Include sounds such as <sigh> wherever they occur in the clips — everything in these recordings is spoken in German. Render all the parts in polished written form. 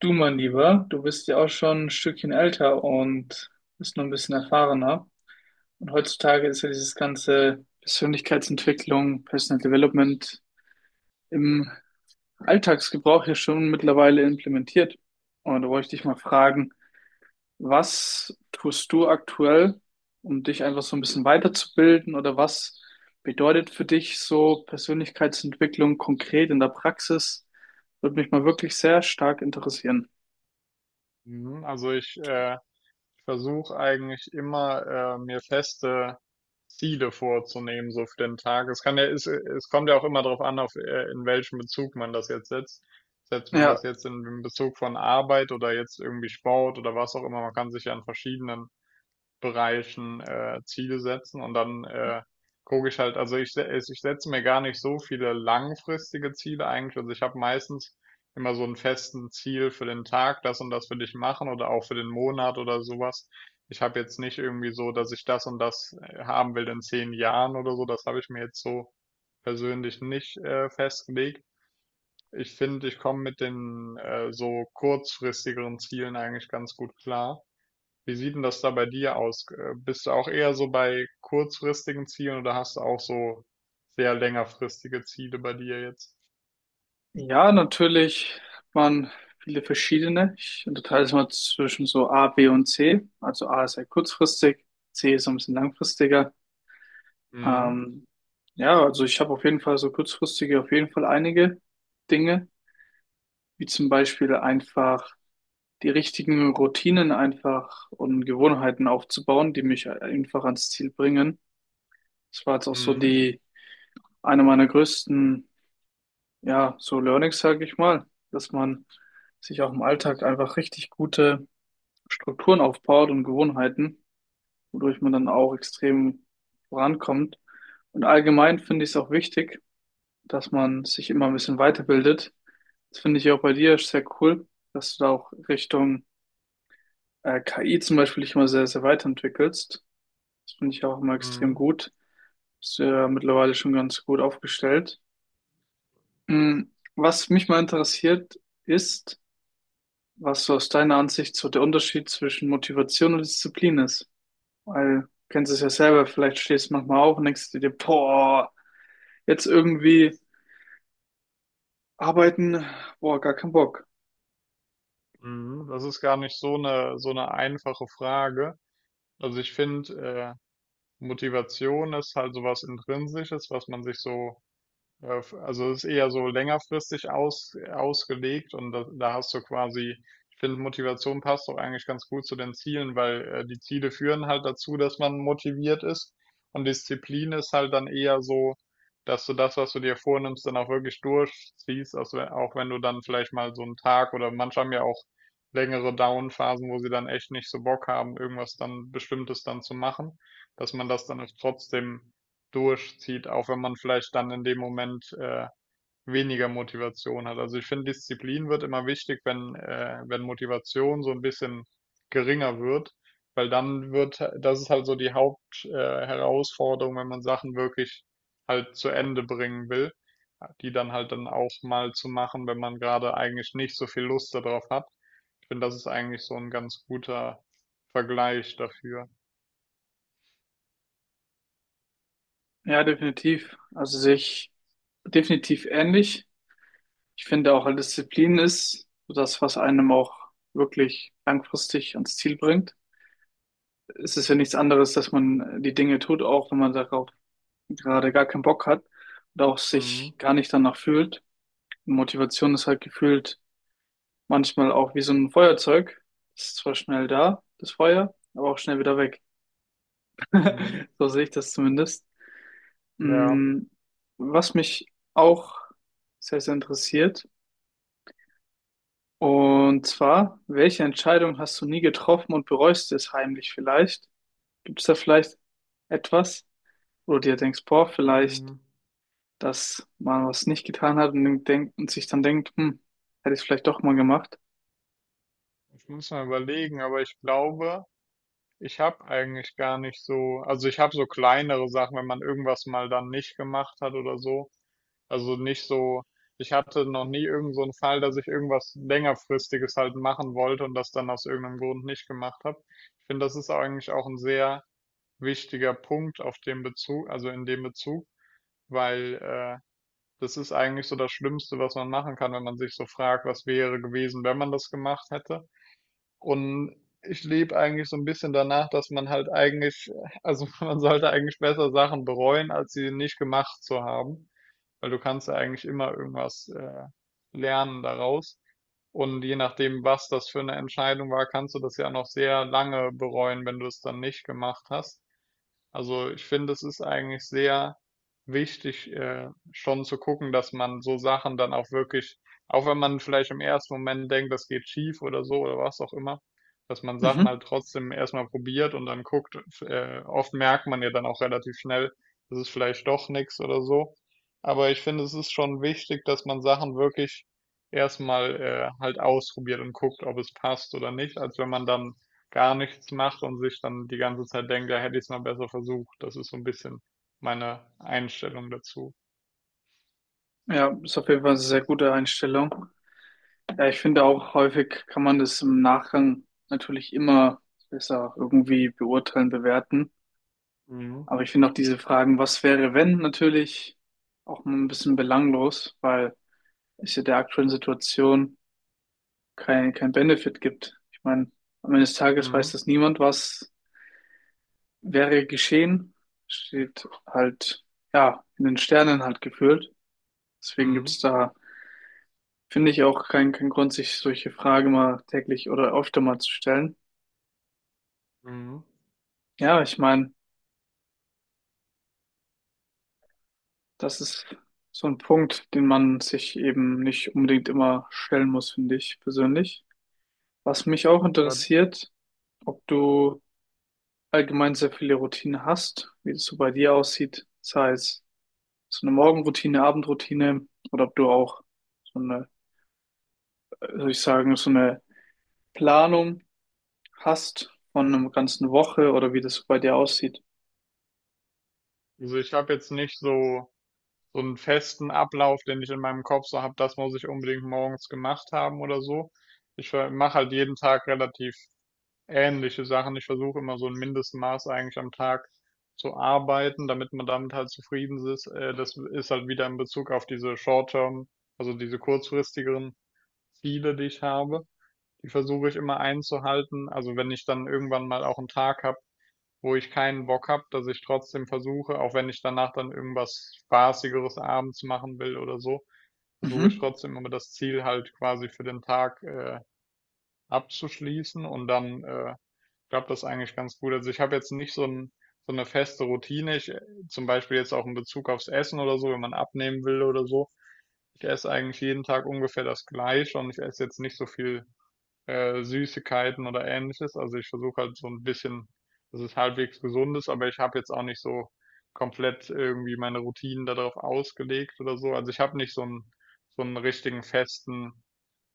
Du, mein Lieber, du bist ja auch schon ein Stückchen älter und bist noch ein bisschen erfahrener. Und heutzutage ist ja dieses ganze Persönlichkeitsentwicklung, Personal Development im Alltagsgebrauch ja schon mittlerweile implementiert. Und da wollte ich dich mal fragen, was tust du aktuell, um dich einfach so ein bisschen weiterzubilden, oder was bedeutet für dich so Persönlichkeitsentwicklung konkret in der Praxis? Würde mich mal wirklich sehr stark interessieren. Mhm, Also ich versuche eigentlich immer mir feste Ziele vorzunehmen, so für den Tag. Es kommt ja auch immer darauf an, auf in welchem Bezug man das jetzt setzt. Setzt man das Ja, jetzt in Bezug von Arbeit oder jetzt irgendwie Sport oder was auch immer. Man kann sich ja an verschiedenen Bereichen Ziele setzen und dann gucke ich halt, ich setze mir gar nicht so viele langfristige Ziele eigentlich. Also ich habe meistens immer so einen festen Ziel für den Tag, das und das will ich machen oder auch für den Monat oder sowas. Ich habe jetzt nicht irgendwie so, dass ich das und das haben will in 10 Jahren oder so. Das habe ich mir jetzt so persönlich nicht festgelegt. Ich finde, ich komme mit den so kurzfristigeren Zielen eigentlich ganz gut klar. Wie sieht denn das da bei dir aus? Bist du auch eher so bei kurzfristigen Zielen oder hast du auch so sehr längerfristige Ziele bei dir jetzt? Ja, natürlich hat man viele verschiedene. Ich unterteile es mal zwischen so A, B und C. Also A ist sehr kurzfristig, C ist so ein bisschen langfristiger. Mhm, Ähm, ja, also ich habe auf jeden Fall so kurzfristige, auf jeden Fall einige Dinge, wie zum Beispiel einfach die richtigen Routinen einfach und Gewohnheiten aufzubauen, die mich einfach ans Ziel bringen. Das war jetzt auch so mhm, die eine meiner größten, ja, so Learnings, sage ich mal, dass man sich auch im Alltag einfach richtig gute Strukturen aufbaut und Gewohnheiten, wodurch man dann auch extrem vorankommt. Und allgemein finde ich es auch wichtig, dass man sich immer ein bisschen weiterbildet. Das finde ich auch bei dir sehr cool, dass du da auch Richtung KI zum Beispiel dich immer sehr, sehr weiterentwickelst. Das finde ich auch immer extrem mhm, gut. Bist du ja mittlerweile schon ganz gut aufgestellt. Mm, Was mich mal interessiert, ist, was so aus deiner Ansicht so der Unterschied zwischen Motivation und Disziplin ist. Weil, du kennst es ja selber, vielleicht stehst du manchmal auf und denkst du dir, boah, jetzt irgendwie arbeiten, boah, gar keinen Bock. mhm. Das ist gar nicht so eine einfache Frage. Also ich finde, äh, Motivation ist halt sowas Intrinsisches, was man sich so also es ist eher so längerfristig ausgelegt und da hast du quasi, ich finde, Motivation passt doch eigentlich ganz gut zu den Zielen, weil die Ziele führen halt dazu, dass man motiviert ist und Disziplin ist halt dann eher so, dass du das, was du dir vornimmst, dann auch wirklich durchziehst, also auch wenn du dann vielleicht mal so einen Tag oder manche haben ja auch längere Down-Phasen, wo sie dann echt nicht so Bock haben, irgendwas dann Bestimmtes dann zu machen, dass man das dann trotzdem durchzieht, auch wenn man vielleicht dann in dem Moment weniger Motivation hat. Also ich finde, Disziplin wird immer wichtig, wenn, wenn Motivation so ein bisschen geringer wird, weil dann wird, das ist halt so die Haupt Herausforderung, wenn man Sachen wirklich halt zu Ende bringen will, die dann halt dann auch mal zu machen, wenn man gerade eigentlich nicht so viel Lust darauf hat. Ich finde, das ist eigentlich so ein ganz guter Vergleich dafür. Ja, definitiv. Also sich definitiv ähnlich. Ich finde auch, Disziplin ist so das, was einem auch wirklich langfristig ans Ziel bringt. Es ist ja nichts anderes, dass man die Dinge tut, auch wenn man darauf gerade gar keinen Bock hat und auch Mhm. sich gar nicht danach fühlt. Motivation ist halt gefühlt manchmal auch wie so ein Feuerzeug. Das ist zwar schnell da, das Feuer, aber auch schnell wieder weg. Mhm. <laughs> So sehe ich das zumindest. Ja. Mm, Was mich auch sehr, sehr interessiert, und zwar, welche Entscheidung hast du nie getroffen und bereust es heimlich vielleicht? Gibt es da vielleicht etwas, wo du dir denkst, boah, vielleicht, Mhm. dass man was nicht getan hat und denkt, und sich dann denkt, hm, hätte ich es vielleicht doch mal gemacht? Ich muss mal überlegen, aber ich glaube, ich habe eigentlich gar nicht so, also ich habe so kleinere Sachen, wenn man irgendwas mal dann nicht gemacht hat oder so. Also nicht so, ich hatte noch nie irgend so einen Fall, dass ich irgendwas längerfristiges halt machen wollte und das dann aus irgendeinem Grund nicht gemacht habe. Ich finde, das ist eigentlich auch ein sehr wichtiger Punkt auf dem Bezug, also in dem Bezug, weil das ist eigentlich so das Schlimmste, was man machen kann, wenn man sich so fragt, was wäre gewesen, wenn man das gemacht hätte. Und ich lebe eigentlich so ein bisschen danach, dass man halt eigentlich, also <laughs> man sollte eigentlich besser Sachen bereuen, als sie nicht gemacht zu haben. Weil du kannst ja eigentlich immer irgendwas lernen daraus. Und je nachdem, was das für eine Entscheidung war, kannst du das ja noch sehr lange bereuen, wenn du es dann nicht gemacht hast. Also ich finde, es ist eigentlich sehr wichtig, schon zu gucken, dass man so Sachen dann auch wirklich, auch wenn man vielleicht im ersten Moment denkt, das geht schief oder so oder was auch immer, dass man Sachen Mhm. halt trotzdem erstmal probiert und dann guckt. Oft merkt man ja dann auch relativ schnell, das ist vielleicht doch nichts oder so. Aber ich finde, es ist schon wichtig, dass man Sachen wirklich erstmal halt ausprobiert und guckt, ob es passt oder nicht, als wenn man dann gar nichts macht und sich dann die ganze Zeit denkt, ja, hätte ich es mal besser versucht. Das ist so ein bisschen meine Einstellung dazu. Ja, ist auf jeden Fall eine sehr gute Einstellung. Ja, ich finde auch, häufig kann man das im Nachgang natürlich immer besser irgendwie beurteilen, bewerten. Mhm. Aber ich finde auch diese Fragen, was wäre, wenn, natürlich auch mal ein bisschen belanglos, weil es ja der aktuellen Situation kein Benefit gibt. Ich meine, am Ende des Tages weiß Mhm. das niemand, was wäre geschehen. Steht halt, ja, in den Sternen halt gefühlt. Deswegen Mhm. gibt's da Finde ich auch keinen Grund, sich solche Fragen mal täglich oder öfter mal zu stellen. Mhm. Ja, ich meine, das ist so ein Punkt, den man sich eben nicht unbedingt immer stellen muss, finde ich persönlich. Was mich auch Ja, interessiert, ob du allgemein sehr viele Routinen hast, wie es so bei dir aussieht, sei es so eine Morgenroutine, Abendroutine oder ob du auch so eine, soll ich sagen, so eine Planung hast von einer ganzen Woche oder wie das so bei dir aussieht. also ich habe jetzt nicht so, so einen festen Ablauf, den ich in meinem Kopf so habe, das muss ich unbedingt morgens gemacht haben oder so. Ich mache halt jeden Tag relativ ähnliche Sachen. Ich versuche immer so ein Mindestmaß eigentlich am Tag zu arbeiten, damit man damit halt zufrieden ist. Das ist halt wieder in Bezug auf diese Short-Term, also diese kurzfristigeren Ziele, die ich habe. Die versuche ich immer einzuhalten. Also wenn ich dann irgendwann mal auch einen Tag habe, wo ich keinen Bock habe, dass ich trotzdem versuche, auch wenn ich danach dann irgendwas Spaßigeres abends machen will oder so, versuche ich Mhm. trotzdem immer das Ziel halt quasi für den Tag abzuschließen und dann glaube das eigentlich ganz gut. Also ich habe jetzt nicht so 'n so 'ne feste Routine. Zum Beispiel jetzt auch in Bezug aufs Essen oder so, wenn man abnehmen will oder so. Ich esse eigentlich jeden Tag ungefähr das Gleiche und ich esse jetzt nicht so viel, Süßigkeiten oder Ähnliches. Also, ich versuche halt so ein bisschen, dass es halbwegs gesund ist, aber ich habe jetzt auch nicht so komplett irgendwie meine Routinen darauf ausgelegt oder so. Also, ich habe nicht so einen so 'n richtigen festen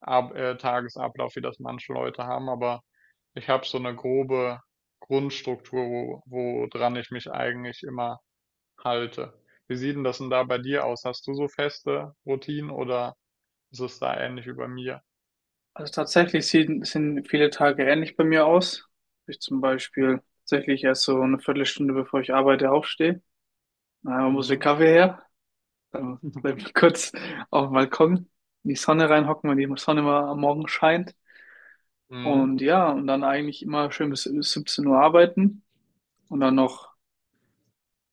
Ab Tagesablauf, wie das manche Leute haben, aber ich habe so eine grobe Grundstruktur, woran ich mich eigentlich immer halte. Wie sieht denn das denn da bei dir aus? Hast du so feste Routinen oder ist es da ähnlich wie bei mir? Also tatsächlich sehen viele Tage ähnlich bei mir aus. Ich zum Beispiel tatsächlich erst so eine Viertelstunde, bevor ich arbeite, aufstehe. Muss der Kaffee her. Dann bleibe ich kurz auf dem Balkon in die Sonne reinhocken, wenn die Sonne mal am Morgen scheint. Mhm. Und ja, und dann eigentlich immer schön bis 17 Uhr arbeiten und dann noch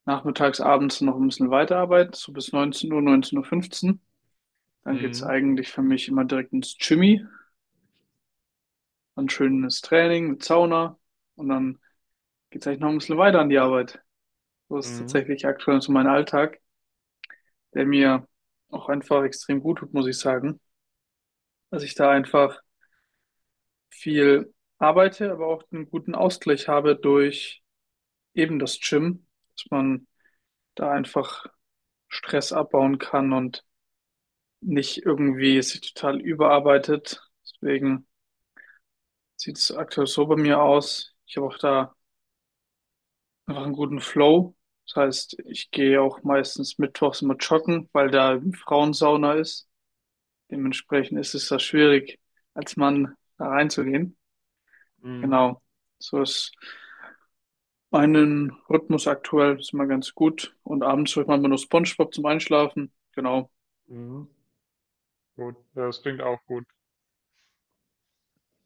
nachmittags, abends noch ein bisschen weiterarbeiten, so bis 19 Uhr, 19.15 Uhr. fünfzehn. Dann geht's Mhm. eigentlich für mich immer direkt ins Gymi, dann schönes Training mit Sauna und dann geht's eigentlich noch ein bisschen weiter an die Arbeit. So ist Mhm. tatsächlich aktuell so mein Alltag, der mir auch einfach extrem gut tut, muss ich sagen. Dass ich da einfach viel arbeite, aber auch einen guten Ausgleich habe durch eben das Gym, dass man da einfach Stress abbauen kann und nicht irgendwie sich total überarbeitet. Deswegen sieht's aktuell so bei mir aus. Ich habe auch da einfach einen guten Flow. Das heißt, ich gehe auch meistens mittwochs immer joggen, weil da eben Frauensauna ist. Dementsprechend ist es da schwierig, als Mann da reinzugehen. Mhm. Genau. So ist mein Rhythmus aktuell ist immer ganz gut. Und abends hört man immer nur SpongeBob zum Einschlafen. Genau. Mhm. Gut, das klingt auch gut.